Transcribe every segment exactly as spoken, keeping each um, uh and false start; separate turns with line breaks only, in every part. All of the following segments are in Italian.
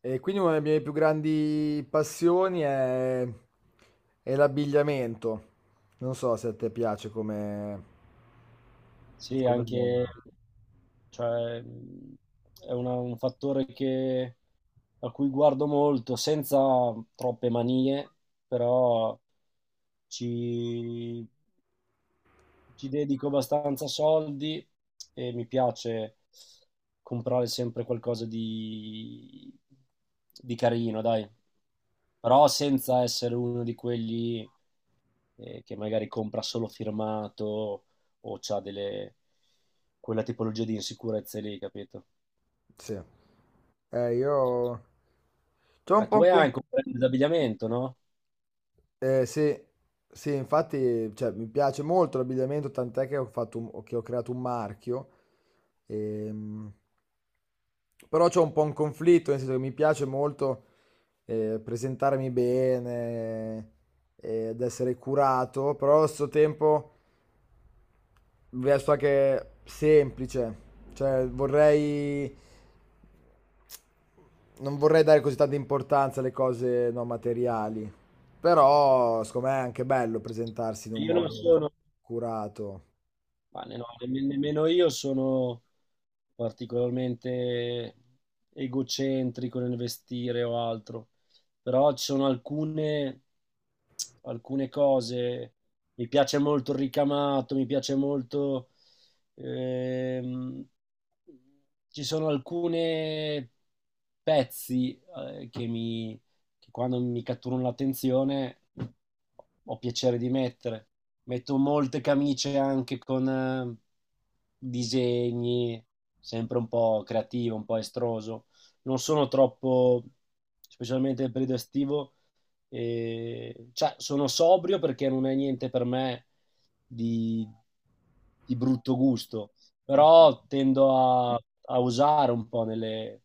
E quindi una delle mie più grandi passioni è, è l'abbigliamento. Non so se a te piace come,
Sì,
come mondo.
anche, cioè, mh, è una- un fattore che- a cui guardo molto, senza troppe manie, però ci, ci dedico abbastanza soldi e mi piace comprare sempre qualcosa di, di carino, dai. Però senza essere uno di quelli eh, che magari compra solo firmato o c'ha delle... quella tipologia di insicurezze lì, capito?
Sì. Eh, io c'ho un
Eh,
po'
tu
un
hai
con-
anche un brand d'abbigliamento, no?
eh, sì, sì, infatti, cioè, mi piace molto l'abbigliamento, tant'è che ho fatto un- che ho creato un marchio. Ehm, Però c'ho un po' un conflitto, nel senso che mi piace molto eh, presentarmi bene eh, ed essere curato, però allo stesso tempo resto anche semplice. Cioè, vorrei... Non vorrei dare così tanta importanza alle cose non materiali, però secondo me è anche bello presentarsi in un
Io non
modo
sono,
curato.
Ma ne- no, nemm- nemmeno io sono particolarmente egocentrico nel vestire o altro, però ci sono alcune, alcune cose, mi piace molto il ricamato, mi piace molto, ehm, ci sono alcune pezzi, eh, che mi, che quando mi catturano l'attenzione ho piacere di mettere. Metto molte camicie anche con eh, disegni, sempre un po' creativo, un po' estroso. Non sono troppo, specialmente nel periodo estivo, eh, cioè sono sobrio perché non è niente per me di, di brutto gusto,
Ok.
però tendo a, a usare un po' nelle,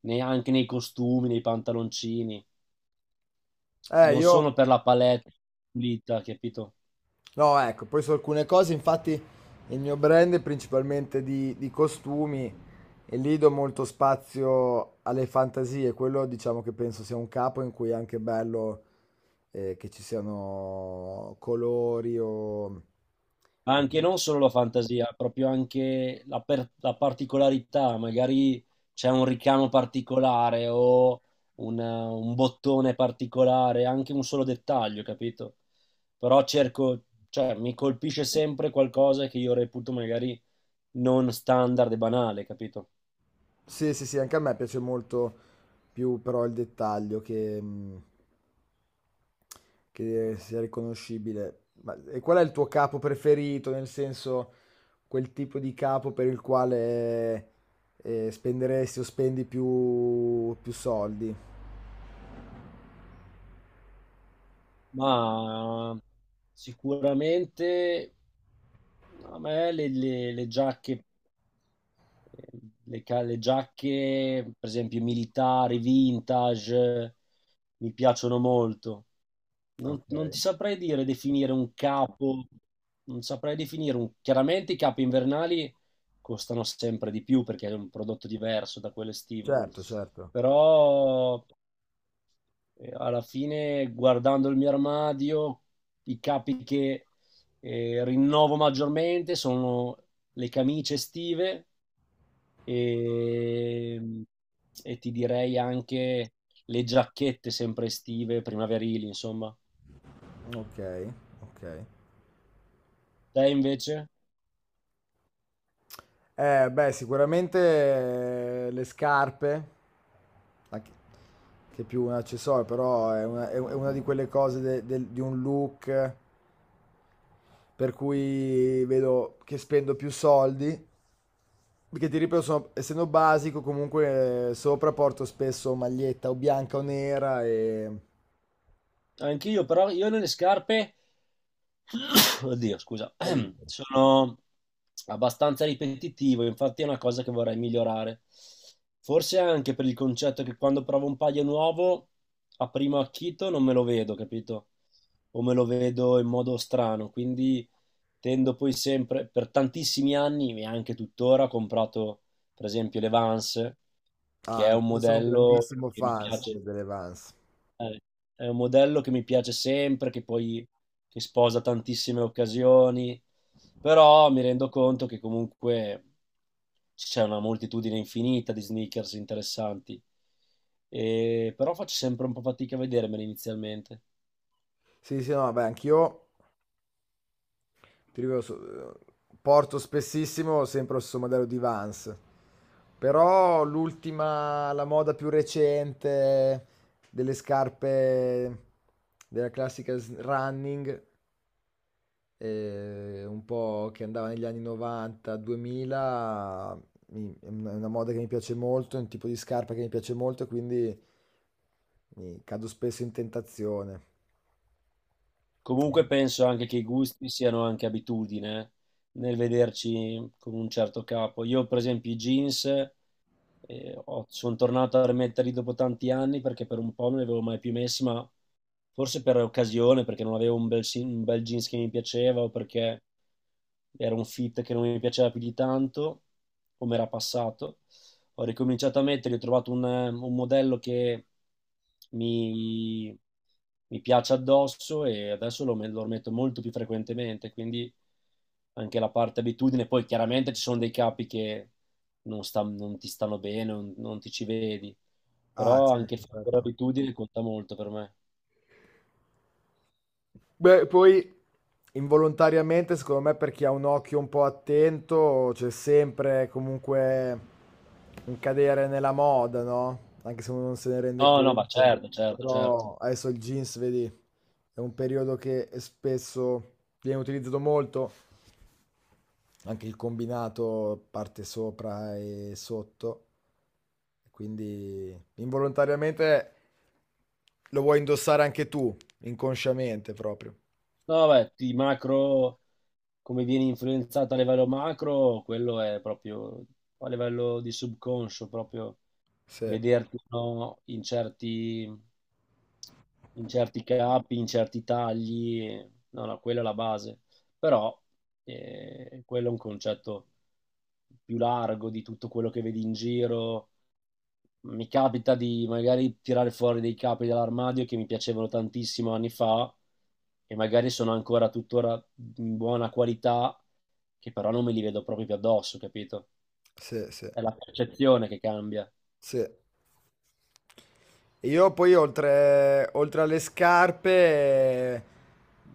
nei- anche nei costumi, nei pantaloncini
Eh,
non solo
io
per la palette pulita, capito?
No, ecco, poi su alcune cose, infatti, il mio brand è principalmente di, di costumi e lì do molto spazio alle fantasie. Quello diciamo che penso sia un capo in cui è anche bello eh, che ci siano colori o...
Ma
o-
anche non solo la fantasia, proprio anche la, per- la particolarità, magari c'è un ricamo particolare o un, eh, un bottone particolare, anche un solo dettaglio, capito? Però cerco, cioè mi colpisce sempre qualcosa che io reputo magari non standard e banale, capito?
Sì, sì, sì, anche a me piace molto più però il dettaglio che... mm, che eh, sia riconoscibile. Ma e qual è il tuo capo preferito? Nel senso, quel tipo di capo per il quale eh, spenderesti o spendi più, più soldi?
Ma sicuramente a me le, le- le giacche le, ca- le giacche, per esempio, militari, vintage, mi piacciono molto. Non,
Ok,
non ti saprei dire definire un capo, non saprei definire un... Chiaramente i capi invernali costano sempre di più perché è un prodotto diverso da quello estivo,
certo, certo.
però eh, alla fine guardando il mio armadio, i capi che eh, rinnovo maggiormente sono le camicie estive e, e ti direi anche le giacchette sempre estive, primaverili, insomma.
Ok, ok.
Te invece?
Eh, beh, sicuramente eh, le scarpe, anche- che è più un accessorio, però è una, è una di quelle cose de- del- di un look per cui vedo che spendo più soldi, perché ti ripeto, sono- essendo basico, comunque eh, sopra porto spesso maglietta o bianca o nera e...
Anch'io, però io nelle scarpe Oddio, scusa.
valuto.
Sono abbastanza ripetitivo, infatti è una cosa che vorrei migliorare. Forse anche per il concetto che quando provo un paio nuovo, a primo acchito non me lo vedo, capito? O me lo vedo in modo strano, quindi tendo poi sempre, per tantissimi anni e anche tuttora, ho comprato per esempio le Vans, che
Ah,
è un
anche io sono un
modello
grandissimo
che mi
fan
piace.
delle Vans.
Eh, È un modello che mi piace sempre, che poi che sposa tantissime occasioni, però mi rendo conto che comunque c'è una moltitudine infinita di sneakers interessanti, e, però faccio sempre un po' fatica a vedermeli inizialmente.
Sì, sì, no, vabbè, anch'io, ti ripeto, so- eh, porto spessissimo sempre lo stesso modello di Vans. Però l'ultima, la moda più recente delle scarpe della classica s- running eh, un po' che andava negli anni novanta, duemila, mi- è una è una moda che mi piace molto, è un tipo di scarpa che mi piace molto, quindi mi cado spesso in tentazione.
Comunque penso anche che i gusti siano anche abitudine eh, nel vederci con un certo capo. Io, per esempio, i jeans eh, ho- sono tornato a rimetterli dopo tanti anni perché per un po' non li avevo mai più messi, ma forse per occasione, perché non avevo un bel, si- un bel jeans che mi piaceva o perché era un fit che non mi piaceva più di tanto, come era passato ho ricominciato a metterli, ho trovato un, eh, un modello che mi, mi piace addosso e adesso lo, lo metto molto più frequentemente, quindi anche la parte abitudine, poi chiaramente ci sono dei capi che non, sta- non ti stanno bene, non, non ti ci vedi,
Ah,
però anche
certo,
fare
certo.
abitudine conta molto per me.
Beh, poi involontariamente, secondo me, per chi ha un occhio un po' attento, c'è sempre comunque un cadere nella moda, no? Anche se uno non se ne rende
No, no, ma
conto.
certo, certo, certo.
Però adesso il jeans, vedi, è un periodo che è spesso viene utilizzato molto, anche il combinato parte sopra e sotto. Quindi involontariamente lo vuoi indossare anche tu, inconsciamente proprio.
No, beh, i macro come vieni influenzato a livello macro, quello è proprio a livello di subconscio, proprio
Sì,
vederti o no, in certi, in certi capi, in certi tagli. No, no, quella è la base. Però eh, quello è un concetto più largo di tutto quello che vedi in giro, mi capita di magari tirare fuori dei capi dall'armadio che mi piacevano tantissimo anni fa e magari sono ancora tuttora in buona qualità, che però non me li vedo proprio più addosso, capito?
sì, sì,
È la percezione che cambia.
sì. E io poi oltre, oltre alle scarpe eh,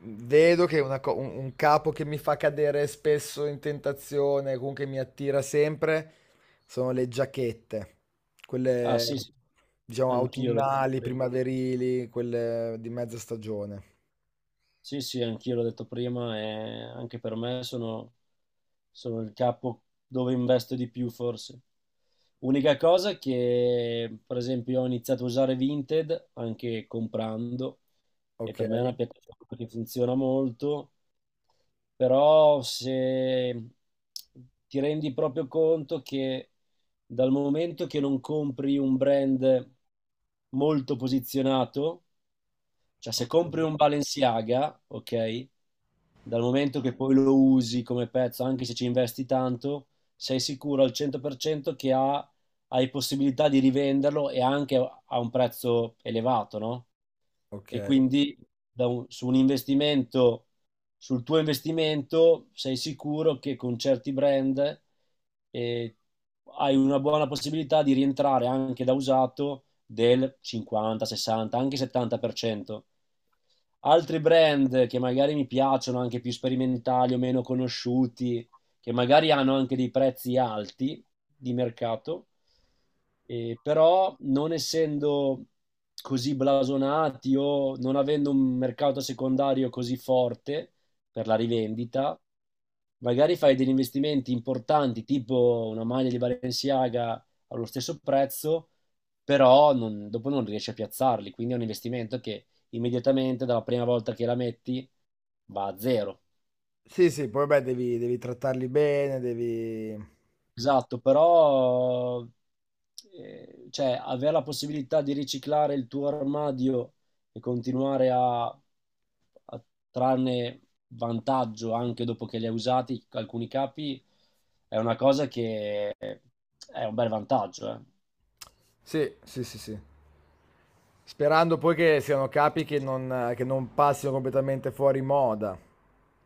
vedo che una co- un, un capo che mi fa cadere spesso in tentazione, comunque mi attira sempre, sono le giacchette,
Ah
quelle
sì, sì,
diciamo
anch'io l'ho detto
autunnali,
prima.
primaverili, quelle di mezza stagione.
Sì, sì, anch'io l'ho detto prima e anche per me sono, sono il capo dove investo di più forse. Unica cosa che, per esempio, ho iniziato a usare Vinted anche comprando e
Ok,
per me è una piattaforma che funziona molto, però se ti rendi proprio conto che dal momento che non compri un brand molto posizionato, cioè se compri
ok,
un Balenciaga, ok, dal momento che poi lo usi come pezzo, anche se ci investi tanto, sei sicuro al cento per cento che ha, hai possibilità di rivenderlo e anche a un prezzo elevato, no?
ok.
E quindi da un- su un investimento, sul tuo investimento sei sicuro che con certi brand eh, hai una buona possibilità di rientrare anche da usato del cinquanta, sessanta, anche settanta per cento altri brand che magari mi piacciono, anche più sperimentali o meno conosciuti, che magari hanno anche dei prezzi alti di mercato, eh, però non essendo così blasonati o non avendo un mercato secondario così forte per la rivendita, magari fai degli investimenti importanti, tipo una maglia di Balenciaga allo stesso prezzo, però non- dopo non riesci a piazzarli, quindi è un investimento che immediatamente dalla prima volta che la metti va a zero.
Sì, sì, poi beh, devi, devi trattarli bene, devi...
Esatto, però eh, cioè, avere la possibilità di riciclare il tuo armadio e continuare a, a trarne vantaggio anche dopo che li hai usati alcuni capi è una cosa che è un bel vantaggio, eh.
Sì, sì, sì, sì. Sperando poi che siano capi che non, che non passino completamente fuori moda.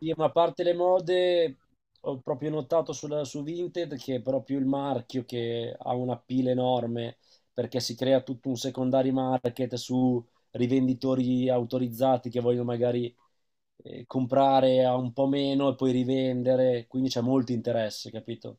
Sì, ma a parte le mode, ho proprio notato sulla- su Vinted che è proprio il marchio che ha una pila enorme perché si crea tutto un secondary market su rivenditori autorizzati che vogliono magari eh, comprare a un po' meno e poi rivendere, quindi c'è molto interesse, capito?